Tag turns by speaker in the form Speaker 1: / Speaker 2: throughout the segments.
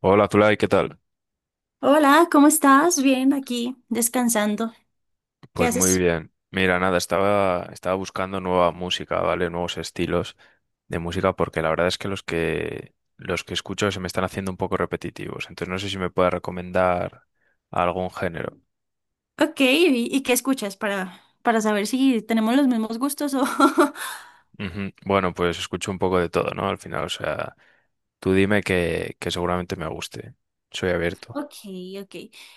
Speaker 1: Hola, Zulay, ¿qué tal?
Speaker 2: Hola, ¿cómo estás? Bien, aquí descansando. ¿Qué
Speaker 1: Pues muy
Speaker 2: haces?
Speaker 1: bien. Mira, nada, estaba buscando nueva música, ¿vale? Nuevos estilos de música, porque la verdad es que los que escucho se me están haciendo un poco repetitivos. Entonces no sé si me puedes recomendar algún género.
Speaker 2: Ok, ¿y qué escuchas para saber si tenemos los mismos gustos o...
Speaker 1: Ujú. Bueno, pues escucho un poco de todo, ¿no? Al final, o sea, tú dime que seguramente me guste. Soy abierto.
Speaker 2: Ok, ok.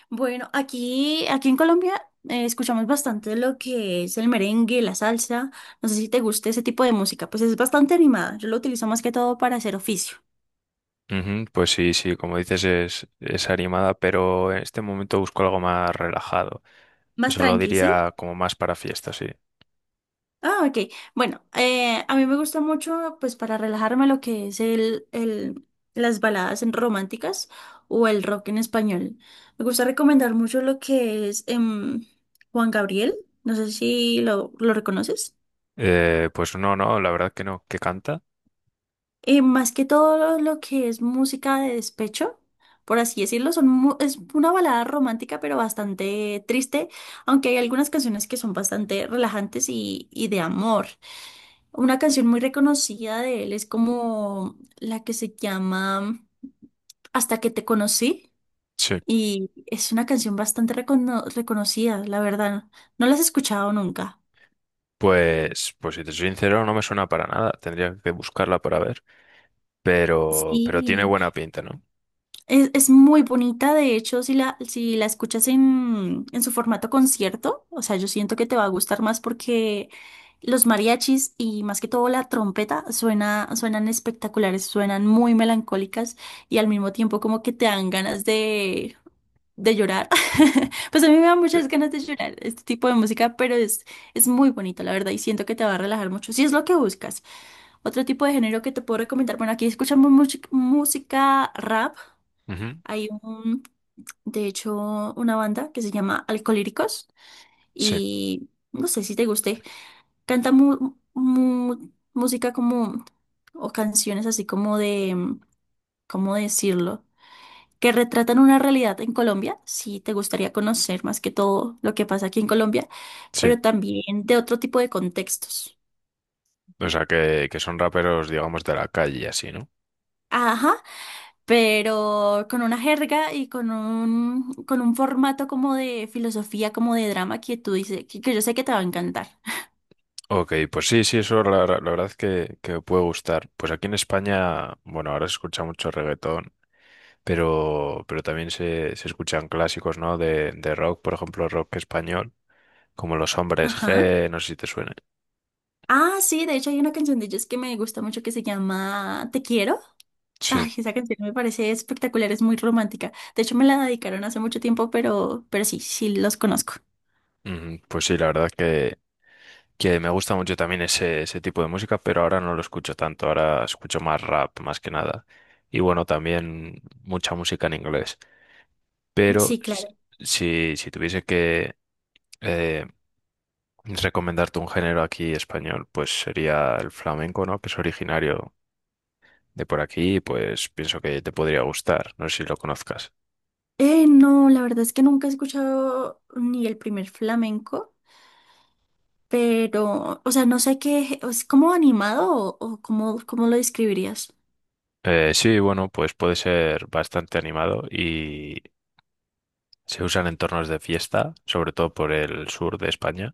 Speaker 2: Bueno, aquí en Colombia escuchamos bastante lo que es el merengue, la salsa. No sé si te gusta ese tipo de música, pues es bastante animada. Yo lo utilizo más que todo para hacer oficio.
Speaker 1: Ujú. Pues sí, sí, como dices, es animada, pero en este momento busco algo más relajado.
Speaker 2: Más
Speaker 1: Eso lo
Speaker 2: tranqui, ¿sí?
Speaker 1: diría como más para fiestas, sí.
Speaker 2: Ah, ok. Bueno, a mí me gusta mucho, pues para relajarme, lo que es las baladas románticas o el rock en español. Me gusta recomendar mucho lo que es Juan Gabriel. No sé si lo reconoces.
Speaker 1: Pues no, no, la verdad que no. ¿Que canta?
Speaker 2: Más que todo lo que es música de despecho, por así decirlo, es una balada romántica, pero bastante triste, aunque hay algunas canciones que son bastante relajantes y de amor. Una canción muy reconocida de él es como la que se llama Hasta que te conocí
Speaker 1: Sí.
Speaker 2: y es una canción bastante reconocida, la verdad. No la has escuchado nunca.
Speaker 1: Pues, pues si te soy sincero, no me suena para nada. Tendría que buscarla para ver. Pero tiene
Speaker 2: Sí.
Speaker 1: buena pinta, ¿no?
Speaker 2: Es muy bonita, de hecho, si la escuchas en su formato concierto, o sea, yo siento que te va a gustar más porque los mariachis y más que todo la trompeta suenan espectaculares, suenan muy melancólicas y al mismo tiempo como que te dan ganas de llorar. Pues a mí me dan
Speaker 1: Sí.
Speaker 2: muchas ganas de llorar este tipo de música, es muy bonito, la verdad, y siento que te va a relajar mucho, si es lo que buscas. Otro tipo de género que te puedo recomendar, bueno, aquí escuchamos música rap.
Speaker 1: Ujú,
Speaker 2: Hay un, de hecho, una banda que se llama Alcolíricos
Speaker 1: sí,
Speaker 2: y no sé si te guste. Canta música o canciones así como de, ¿cómo decirlo? Que retratan una realidad en Colombia. Si te gustaría conocer más que todo lo que pasa aquí en Colombia,
Speaker 1: sí.
Speaker 2: pero también de otro tipo de contextos.
Speaker 1: O sea, que son raperos, digamos, de la calle y así, ¿no?
Speaker 2: Ajá, pero con una jerga y con con un formato como de filosofía, como de drama que tú dices, que yo sé que te va a encantar.
Speaker 1: Ok, pues sí, sí, eso la verdad es que me puede gustar. Pues aquí en España, bueno, ahora se escucha mucho reggaetón, pero también se escuchan clásicos, ¿no? De rock, por ejemplo, rock español, como Los Hombres
Speaker 2: Ajá.
Speaker 1: G, no sé si te suena.
Speaker 2: Ah, sí, de hecho hay una canción de ellos que me gusta mucho que se llama Te quiero.
Speaker 1: Sí.
Speaker 2: Ay, esa canción me parece espectacular, es muy romántica. De hecho me la dedicaron hace mucho tiempo, pero sí, sí los conozco.
Speaker 1: Ujú. Pues sí, la verdad que me gusta mucho también ese tipo de música, pero ahora no lo escucho tanto, ahora escucho más rap más que nada. Y bueno, también mucha música en inglés. Pero
Speaker 2: Sí, claro.
Speaker 1: si, si tuviese que eh, recomendarte un género aquí español, pues sería el flamenco, ¿no? Que es originario de por aquí, pues pienso que te podría gustar, no sé si lo conozcas.
Speaker 2: No, la verdad es que nunca he escuchado ni el primer flamenco. Pero, o sea, no sé qué, ¿es como animado o cómo, cómo lo describirías?
Speaker 1: Sí, bueno, pues puede ser bastante animado. Se usan en entornos de fiesta, sobre todo por el sur de España.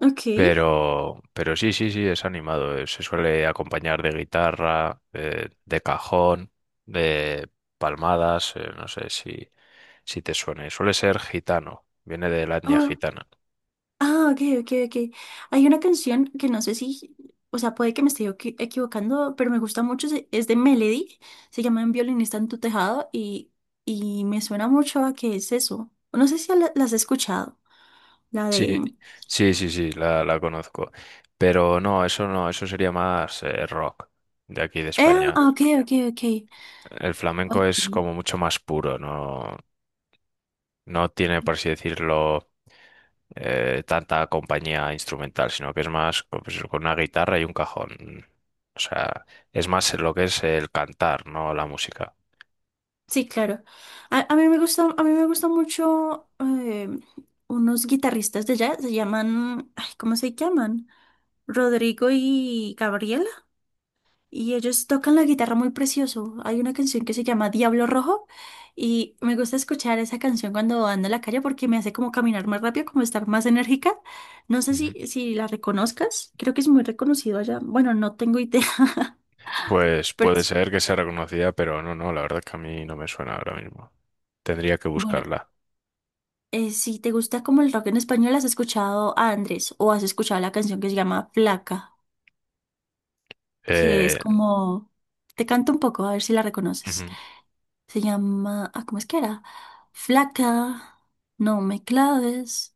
Speaker 2: Ok.
Speaker 1: Pero sí, sí, sí, es animado. Se suele acompañar de guitarra, de cajón, de palmadas. No sé si, si te suene. Suele ser gitano, viene de la etnia
Speaker 2: Oh,
Speaker 1: gitana.
Speaker 2: ah, ok, ok, ok. Hay una canción que no sé si, o sea, puede que me esté equivocando, pero me gusta mucho, es de Melody, se llama Un violinista en tu tejado y me suena mucho a que es eso. No sé si la has escuchado, la
Speaker 1: Sí,
Speaker 2: de...
Speaker 1: sí, sí, sí, la conozco. Pero no, eso no, eso sería más rock de aquí de
Speaker 2: Eh,
Speaker 1: España.
Speaker 2: ah, ok, ok, ok.
Speaker 1: El flamenco es
Speaker 2: Ok.
Speaker 1: como mucho más puro, ¿no? No tiene, por así decirlo, tanta compañía instrumental, sino que es más pues, con una guitarra y un cajón. O sea, es más lo que es el cantar, no la música.
Speaker 2: Sí, claro. A mí me gusta, a mí me gusta mucho unos guitarristas de jazz, se llaman, ay, ¿cómo se llaman? Rodrigo y Gabriela, y ellos tocan la guitarra muy precioso. Hay una canción que se llama Diablo Rojo y me gusta escuchar esa canción cuando ando en la calle porque me hace como caminar más rápido, como estar más enérgica. No sé
Speaker 1: Ujú.
Speaker 2: si la reconozcas, creo que es muy reconocido allá. Bueno, no tengo idea,
Speaker 1: Pues
Speaker 2: pero
Speaker 1: puede
Speaker 2: sí.
Speaker 1: ser que sea reconocida, pero no, no, la verdad es que a mí no me suena ahora mismo. Tendría que
Speaker 2: Bueno,
Speaker 1: buscarla.
Speaker 2: Si te gusta como el rock en español, ¿has escuchado a Andrés o has escuchado la canción que se llama Flaca? Que es
Speaker 1: Eh,
Speaker 2: como... Te canto un poco, a ver si la reconoces.
Speaker 1: ujú.
Speaker 2: Se llama... Ah, ¿cómo es que era? Flaca, no me claves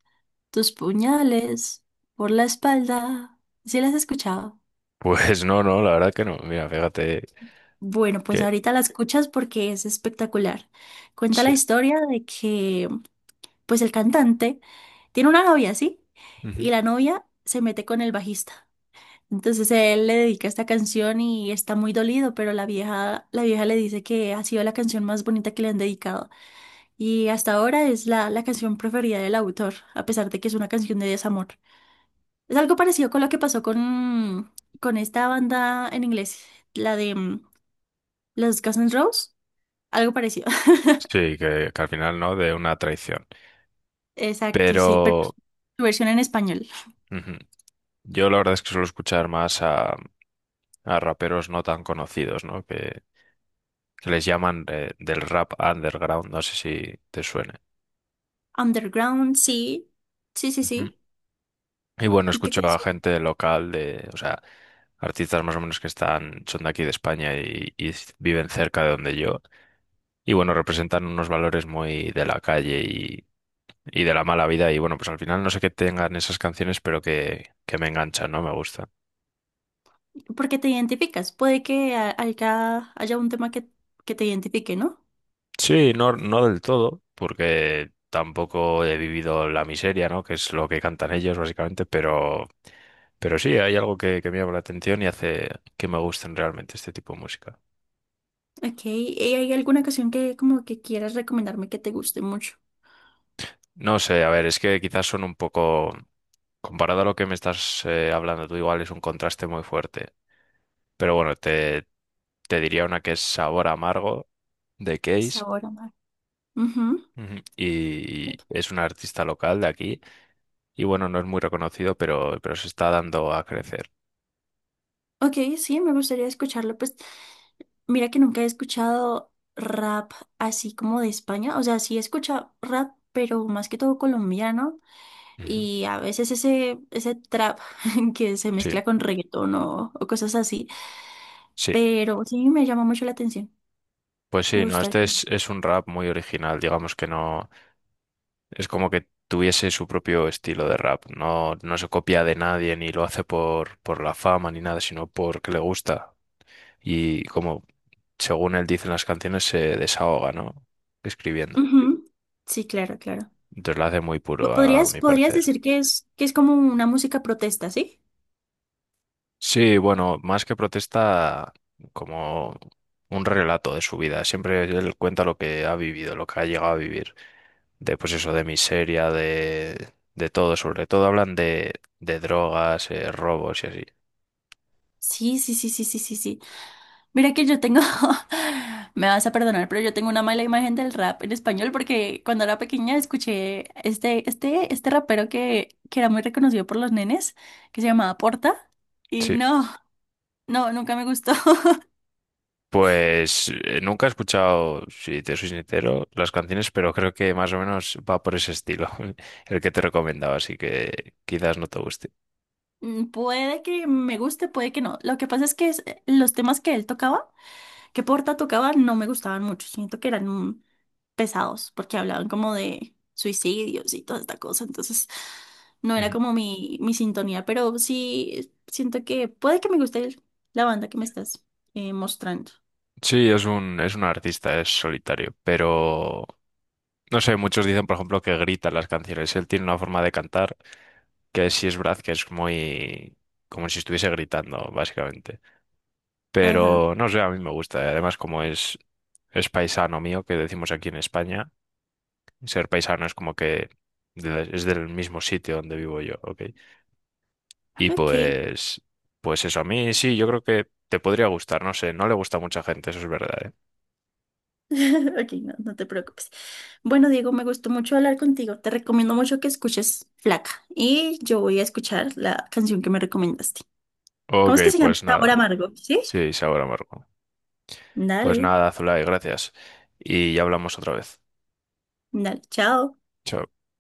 Speaker 2: tus puñales por la espalda. ¿Sí la has escuchado?
Speaker 1: Pues no, no, la verdad que no. Mira, fíjate
Speaker 2: Bueno, pues
Speaker 1: que
Speaker 2: ahorita la escuchas porque es espectacular. Cuenta
Speaker 1: sí.
Speaker 2: la historia de que, pues el cantante tiene una novia, ¿sí? Y
Speaker 1: Ujú.
Speaker 2: la novia se mete con el bajista. Entonces él le dedica esta canción y está muy dolido, pero la vieja le dice que ha sido la canción más bonita que le han dedicado. Y hasta ahora es la canción preferida del autor, a pesar de que es una canción de desamor. Es algo parecido con lo que pasó con esta banda en inglés, la de los Guns N' Roses. Algo parecido.
Speaker 1: Sí, que al final no, de una traición.
Speaker 2: Exacto, sí, pero
Speaker 1: Pero
Speaker 2: su versión en español.
Speaker 1: ujú, yo la verdad es que suelo escuchar más a raperos no tan conocidos, ¿no? Que les llaman del rap underground, no sé si te suene.
Speaker 2: Underground, sí. Sí, sí,
Speaker 1: Ujú.
Speaker 2: sí.
Speaker 1: Y bueno,
Speaker 2: ¿Y qué
Speaker 1: escucho a
Speaker 2: canción?
Speaker 1: gente local de, o sea, artistas más o menos que están, son de aquí de España y viven cerca de donde yo. Y bueno, representan unos valores muy de la calle y de la mala vida. Y bueno, pues al final no sé qué tengan esas canciones, pero que me enganchan, ¿no? Me gusta.
Speaker 2: Porque te identificas. Puede que haya un tema que te identifique, ¿no?
Speaker 1: Sí, no, no del todo, porque tampoco he vivido la miseria, ¿no? Que es lo que cantan ellos, básicamente, pero sí, hay algo que me llama la atención y hace que me gusten realmente este tipo de música.
Speaker 2: Ok. ¿Y hay alguna canción que como que quieras recomendarme que te guste mucho?
Speaker 1: No sé, a ver, es que quizás son un poco, comparado a lo que me estás hablando tú, igual es un contraste muy fuerte. Pero bueno, te diría una que es Sabor Amargo de Case.
Speaker 2: Sabor a mar. Ujú.
Speaker 1: Ujú. Y es un artista local de aquí y bueno, no es muy reconocido, pero se está dando a crecer.
Speaker 2: Ok, sí, me gustaría escucharlo. Pues mira que nunca he escuchado rap así como de España. O sea, sí he escuchado rap, pero más que todo colombiano.
Speaker 1: Ujú.
Speaker 2: Y a veces ese trap que se
Speaker 1: Sí,
Speaker 2: mezcla con reggaetón o cosas así.
Speaker 1: sí,
Speaker 2: Pero sí me llama mucho la atención.
Speaker 1: pues
Speaker 2: Me
Speaker 1: sí, no, este
Speaker 2: gustaría.
Speaker 1: es un rap muy original, digamos que no, es como que tuviese su propio estilo de rap, no, no se copia de nadie ni lo hace por la fama ni nada, sino porque le gusta y como según él dice en las canciones se desahoga, ¿no? Escribiendo.
Speaker 2: Ujú. Sí, claro, claro.
Speaker 1: Entonces lo hace muy puro a
Speaker 2: ¿Podrías,
Speaker 1: mi
Speaker 2: podrías
Speaker 1: parecer.
Speaker 2: decir que que es como una música protesta, ¿sí?
Speaker 1: Sí, bueno, más que protesta, como un relato de su vida. Siempre él cuenta lo que ha vivido, lo que ha llegado a vivir. De, pues eso, de miseria, de todo. Sobre todo hablan de drogas, robos y así.
Speaker 2: Sí, sí, sí, sí, sí, sí, sí. Mira que yo tengo, me vas a perdonar, pero yo tengo una mala imagen del rap en español porque cuando era pequeña escuché este rapero que era muy reconocido por los nenes, que se llamaba Porta, y
Speaker 1: Sí.
Speaker 2: no, no, nunca me gustó.
Speaker 1: Pues nunca he escuchado, si te soy sincero, las canciones, pero creo que más o menos va por ese estilo, el que te recomendaba, así que quizás no te guste.
Speaker 2: Mm, puede que me guste, puede que no. Lo que pasa es que los temas que él tocaba que Porta tocaba no me gustaban mucho. Siento que eran pesados porque hablaban como de suicidios y toda esta cosa. Entonces, no era como mi sintonía, pero sí siento que puede que me guste la banda que me estás mostrando.
Speaker 1: Sí, es un artista, es solitario, pero no sé, muchos dicen, por ejemplo, que grita en las canciones. Él tiene una forma de cantar que sí es verdad que es muy como si estuviese gritando, básicamente.
Speaker 2: Ajá,
Speaker 1: Pero no sé, a mí me gusta. Y además, como es paisano mío, que decimos aquí en España, ser paisano es como que es del mismo sitio donde vivo yo, ¿ok? Y
Speaker 2: ok.
Speaker 1: pues, pues eso, a mí sí, yo creo que te podría gustar, no sé, no le gusta a mucha gente, eso es verdad, ¿eh?
Speaker 2: Ok, no, no te preocupes. Bueno, Diego, me gustó mucho hablar contigo. Te recomiendo mucho que escuches Flaca y yo voy a escuchar la canción que me recomendaste. ¿Cómo
Speaker 1: Ok,
Speaker 2: es que se llama?
Speaker 1: pues
Speaker 2: Sabor
Speaker 1: nada.
Speaker 2: amargo, ¿sí?
Speaker 1: Sí, sí, ahora, Marco. Pues
Speaker 2: Dale,
Speaker 1: nada, Zulay, gracias. Y ya hablamos otra vez.
Speaker 2: dale, chao.
Speaker 1: Chao.